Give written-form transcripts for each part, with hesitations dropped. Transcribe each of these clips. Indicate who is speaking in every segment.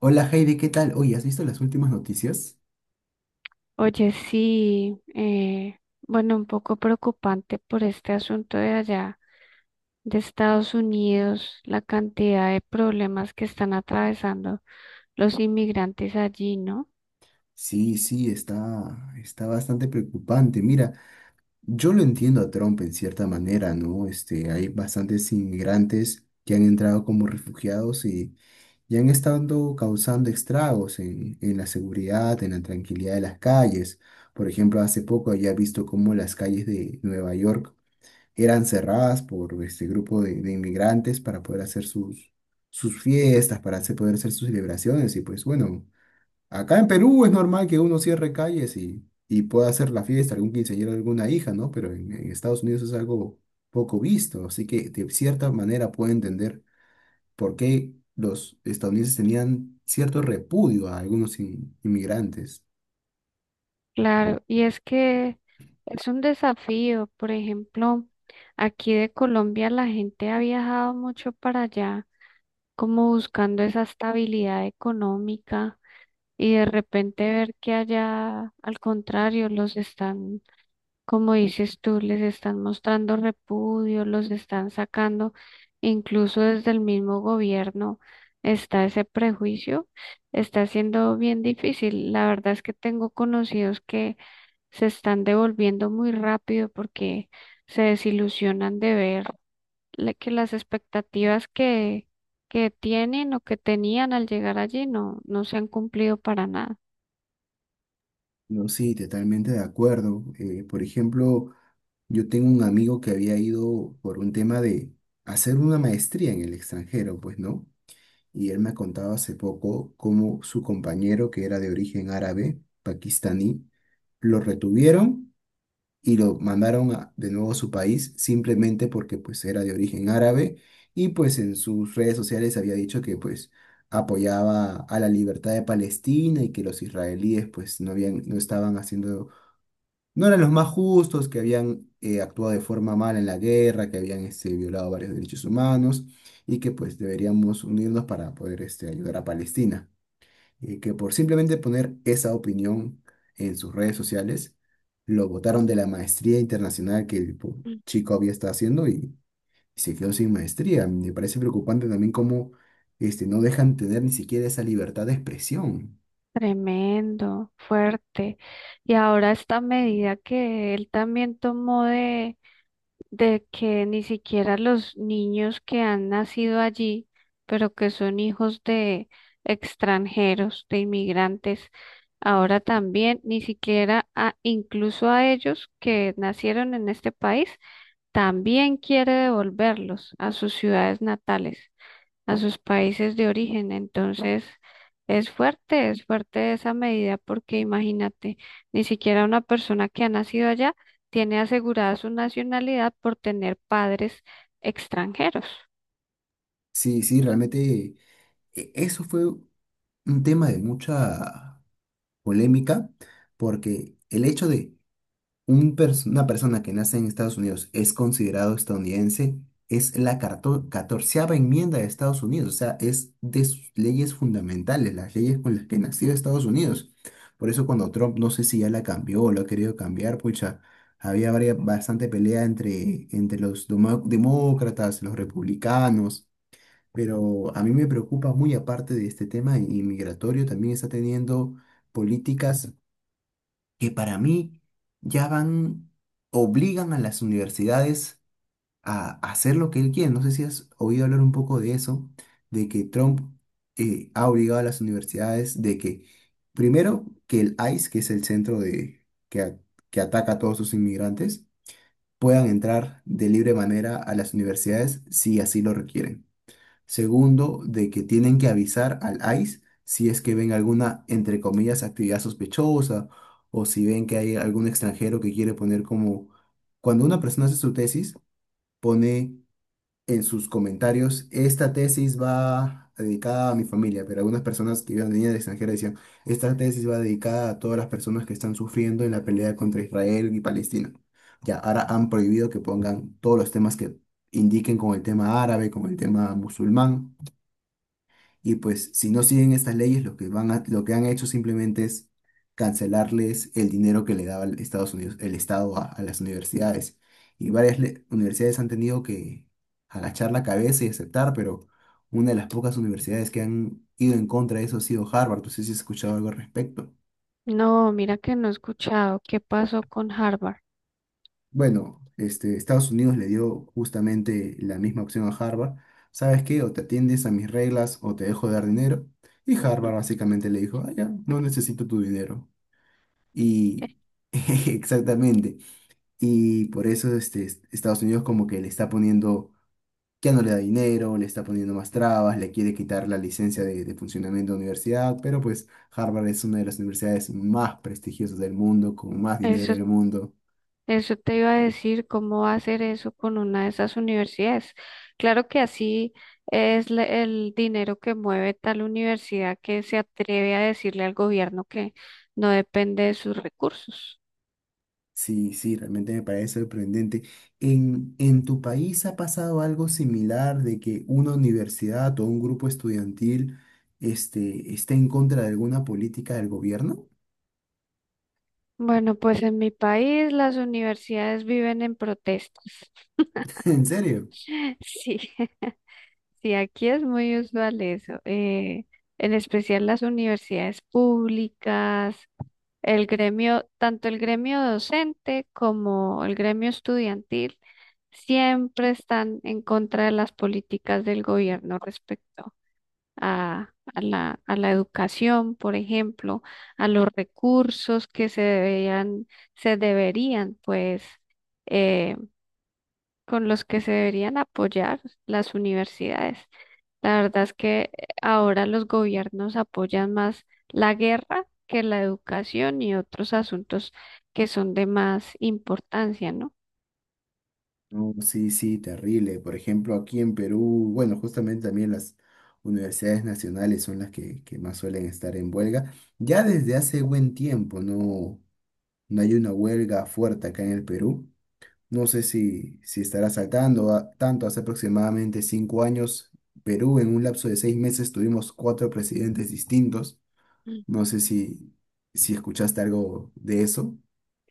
Speaker 1: Hola Heidi, ¿qué tal? Oye, ¿has visto las últimas noticias?
Speaker 2: Oye, sí, bueno, un poco preocupante por este asunto de allá, de Estados Unidos, la cantidad de problemas que están atravesando los inmigrantes allí, ¿no?
Speaker 1: Sí, sí, está bastante preocupante. Mira, yo lo entiendo a Trump en cierta manera, ¿no? Este, hay bastantes inmigrantes que han entrado como refugiados y, han estado causando estragos en la seguridad, en la tranquilidad de las calles. Por ejemplo, hace poco ya he visto cómo las calles de Nueva York eran cerradas por este grupo de inmigrantes para poder hacer sus fiestas, poder hacer sus celebraciones. Y pues bueno, acá en Perú es normal que uno cierre calles y, pueda hacer la fiesta, algún quinceañero, alguna hija, ¿no? Pero en Estados Unidos es algo poco visto, así que de cierta manera puedo entender por qué los estadounidenses tenían cierto repudio a algunos inmigrantes.
Speaker 2: Claro, y es que es un desafío, por ejemplo, aquí de Colombia la gente ha viajado mucho para allá, como buscando esa estabilidad económica, y de repente ver que allá, al contrario, los están como dices tú, les están mostrando repudio, los están sacando, incluso desde el mismo gobierno está ese prejuicio, está siendo bien difícil. La verdad es que tengo conocidos que se están devolviendo muy rápido porque se desilusionan de ver que las expectativas que tienen o que tenían al llegar allí no se han cumplido para nada.
Speaker 1: No, sí, totalmente de acuerdo. Por ejemplo, yo tengo un amigo que había ido por un tema de hacer una maestría en el extranjero, pues, ¿no? Y él me ha contado hace poco cómo su compañero, que era de origen árabe, pakistaní, lo retuvieron y lo mandaron de nuevo a su país simplemente porque pues era de origen árabe y pues en sus redes sociales había dicho que pues apoyaba a la libertad de Palestina y que los israelíes pues no eran los más justos, que habían actuado de forma mala en la guerra, que habían violado varios derechos humanos y que pues deberíamos unirnos para poder ayudar a Palestina y que por simplemente poner esa opinión en sus redes sociales, lo botaron de la maestría internacional que el chico había estado haciendo y, se quedó sin maestría. Me parece preocupante también cómo no dejan tener ni siquiera esa libertad de expresión.
Speaker 2: Tremendo, fuerte. Y ahora esta medida que él también tomó de que ni siquiera los niños que han nacido allí, pero que son hijos de extranjeros, de inmigrantes, ahora también ni siquiera a- incluso a ellos que nacieron en este país, también quiere devolverlos a sus ciudades natales a sus países de origen. Entonces, es fuerte esa medida porque imagínate, ni siquiera una persona que ha nacido allá tiene asegurada su nacionalidad por tener padres extranjeros.
Speaker 1: Sí, sí, realmente eso fue un tema de mucha polémica porque el hecho de una persona que nace en Estados Unidos es considerado estadounidense, es la 14.ª enmienda de Estados Unidos, o sea, es de sus leyes fundamentales, las leyes con las que nació Estados Unidos. Por eso cuando Trump, no sé si ya la cambió o lo ha querido cambiar, pucha, había bastante pelea entre los demócratas, los republicanos, pero a mí me preocupa muy aparte de este tema inmigratorio, también está teniendo políticas que para mí ya van, obligan a las universidades a hacer lo que él quiere. No sé si has oído hablar un poco de eso, de que Trump ha obligado a las universidades de que, primero, que el ICE, que es el centro que, a- que ataca a todos sus inmigrantes, puedan entrar de libre manera a las universidades si así lo requieren. Segundo, de que tienen que avisar al ICE si es que ven alguna, entre comillas, actividad sospechosa o si ven que hay algún extranjero que quiere poner como... Cuando una persona hace su tesis, pone en sus comentarios, esta tesis va dedicada a mi familia, pero algunas personas que vivían de niñas extranjeras decían, esta tesis va dedicada a todas las personas que están sufriendo en la pelea contra Israel y Palestina. Ya, ahora han prohibido que pongan todos los temas que indiquen con el tema árabe, con el tema musulmán y pues si no siguen estas leyes, lo que lo que han hecho simplemente es cancelarles el dinero que le daba el Estados Unidos, el Estado a las universidades. Y varias universidades han tenido que agachar la cabeza y aceptar, pero una de las pocas universidades que han ido en contra de eso ha sido Harvard. No sé si has escuchado algo al respecto.
Speaker 2: No, mira que no he escuchado qué pasó con Harvard.
Speaker 1: Bueno, este, Estados Unidos le dio justamente la misma opción a Harvard. ¿Sabes qué? O te atiendes a mis reglas o te dejo de dar dinero. Y Harvard básicamente le dijo, ah, ya, no necesito tu dinero. Y exactamente. Y por eso este, Estados Unidos como que le está poniendo, ya no le da dinero, le está poniendo más trabas, le quiere quitar la licencia de funcionamiento de universidad, pero pues Harvard es una de las universidades más prestigiosas del mundo, con más
Speaker 2: Eh,
Speaker 1: dinero
Speaker 2: Eso
Speaker 1: del mundo.
Speaker 2: Eso te iba a decir, ¿cómo va a hacer eso con una de esas universidades? Claro que así es el dinero que mueve tal universidad que se atreve a decirle al gobierno que no depende de sus recursos.
Speaker 1: Sí, sí, realmente me parece sorprendente. ¿En tu país ha pasado algo similar de que una universidad o un grupo estudiantil este, esté en contra de alguna política del gobierno?
Speaker 2: Bueno, pues en mi país las universidades viven en protestas.
Speaker 1: ¿En serio?
Speaker 2: Sí, sí, aquí es muy usual eso, en especial las universidades públicas. El gremio, tanto el gremio docente como el gremio estudiantil, siempre están en contra de las políticas del gobierno respecto a a la educación, por ejemplo, a los recursos que se deberían pues eh, con los que se deberían apoyar las universidades. La verdad es que ahora los gobiernos apoyan más la guerra que la educación y otros asuntos que son de más importancia, ¿no?
Speaker 1: No, sí, sí, terrible. Por ejemplo, aquí en Perú, bueno, justamente también las universidades nacionales son las que más suelen estar en huelga. Ya desde hace buen tiempo no, no hay una huelga fuerte acá en el Perú. No sé si estará tanto. Hace aproximadamente 5 años, Perú en un lapso de 6 meses tuvimos 4 presidentes distintos.
Speaker 2: Mm.
Speaker 1: No sé si escuchaste algo de eso.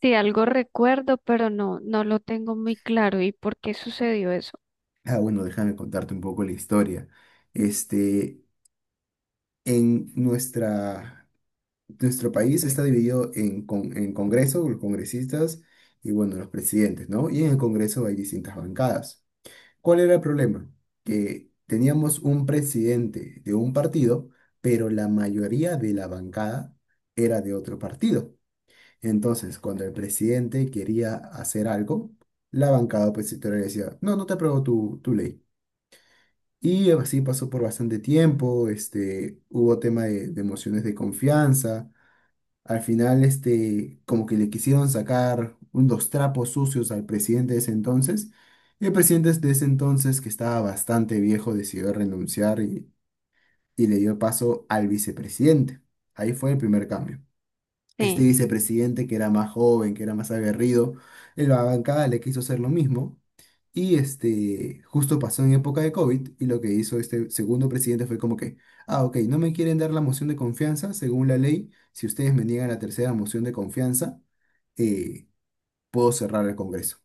Speaker 2: Sí, algo recuerdo, pero no, no lo tengo muy claro. ¿Y por qué sucedió eso?
Speaker 1: Ah, bueno, déjame contarte un poco la historia. Este, En nuestro país está dividido en Congreso, los congresistas y bueno, los presidentes, ¿no? Y en el Congreso hay distintas bancadas. ¿Cuál era el problema? Que teníamos un presidente de un partido, pero la mayoría de la bancada era de otro partido. Entonces, cuando el presidente quería hacer algo, la bancada opositora le decía, no, no te apruebo tu ley. Y así pasó por bastante tiempo, hubo tema de emociones de confianza. Al final, como que le quisieron sacar unos trapos sucios al presidente de ese entonces. Y el presidente de ese entonces, que estaba bastante viejo, decidió renunciar y, le dio paso al vicepresidente. Ahí fue el primer cambio. Este
Speaker 2: Sí.
Speaker 1: vicepresidente, que era más joven, que era más aguerrido, en la bancada le quiso hacer lo mismo y justo pasó en época de COVID y lo que hizo este segundo presidente fue como que, ah, ok, no me quieren dar la moción de confianza, según la ley, si ustedes me niegan la tercera moción de confianza, eh, puedo cerrar el Congreso.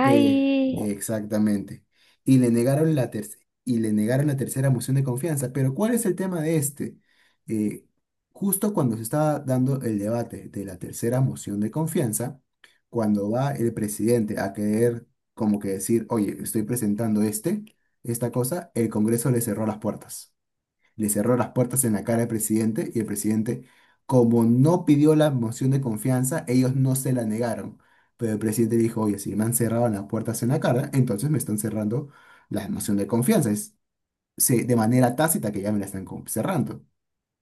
Speaker 1: Pe- Exactamente. Y le negaron la tercera y le negaron la tercera moción de confianza. Pero ¿cuál es el tema de este? Eh, Justo cuando se estaba dando el debate de la tercera moción de confianza, cuando va el presidente a querer como que decir, oye, estoy presentando esta cosa, el Congreso le cerró las puertas en la cara al presidente y el presidente, como no pidió la moción de confianza, ellos no se la negaron. Pero el presidente dijo, oye, si me han cerrado las puertas en la cara, entonces me están cerrando la moción de confianza. Es de manera tácita que ya me la están cerrando.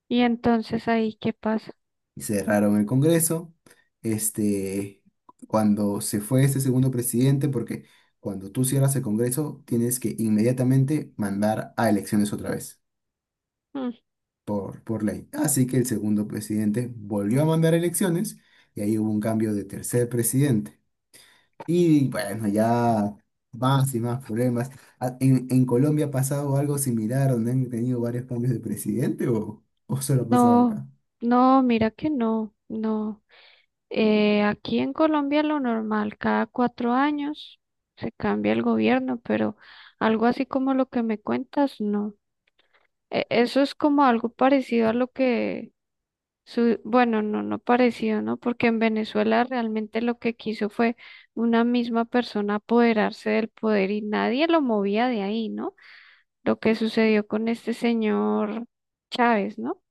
Speaker 2: y entonces ahí, ¿qué pasa?
Speaker 1: Y cerraron el Congreso. Este, Cuando se fue este segundo presidente, porque cuando tú cierras el Congreso, tienes que inmediatamente mandar a elecciones otra vez.
Speaker 2: Mm.
Speaker 1: Por ley. Así que el segundo presidente volvió a mandar elecciones y ahí hubo un cambio de tercer presidente. Y bueno, ya más y más problemas. Ah, ¿En Colombia ha pasado algo similar donde han tenido varios cambios de presidente o solo ha pasado
Speaker 2: No,
Speaker 1: acá?
Speaker 2: no, mira que no. Aquí en Colombia lo normal, cada cuatro años se cambia el gobierno, pero algo así como lo que me cuentas, no. E- eso es como algo parecido a lo que, su bueno, no, no parecido, ¿no? Porque en Venezuela realmente lo que quiso fue una misma persona apoderarse del poder y nadie lo movía de ahí, ¿no? Lo que sucedió con este señor Chávez, ¿no?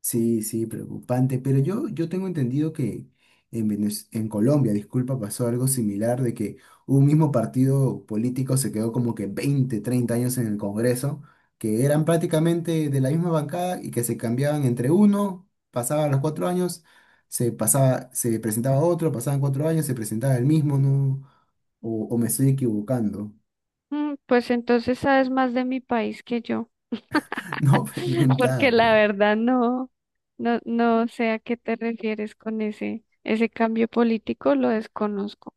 Speaker 1: Sí, sí, preocupante. Pero yo tengo entendido que en Colombia, disculpa, pasó algo similar de que un mismo partido político se quedó como que 20, 30 años en el Congreso, que eran prácticamente de la misma bancada y que se cambiaban entre uno, pasaban los 4 años, se pasaba, se presentaba otro, pasaban 4 años, se presentaba el mismo, ¿no? O me estoy equivocando.
Speaker 2: Mm, pues entonces sabes más de mi país que yo.
Speaker 1: No
Speaker 2: Porque
Speaker 1: preguntaba,
Speaker 2: la
Speaker 1: pero.
Speaker 2: verdad no sé a qué te refieres con ese cambio político, lo desconozco.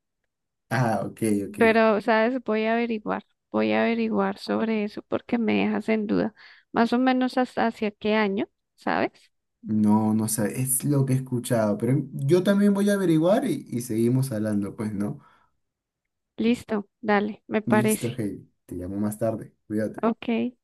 Speaker 1: Ah, ok, ok.
Speaker 2: Pero, ¿sabes? Voy a averiguar sobre eso porque me dejas en duda. Más o menos hasta hacia qué año, ¿sabes?
Speaker 1: No, no sé, es lo que he escuchado, pero yo también voy a averiguar y, seguimos hablando, pues, ¿no?
Speaker 2: Listo, dale, me
Speaker 1: Listo,
Speaker 2: parece.
Speaker 1: hey, te llamo más tarde, cuídate.
Speaker 2: Ok.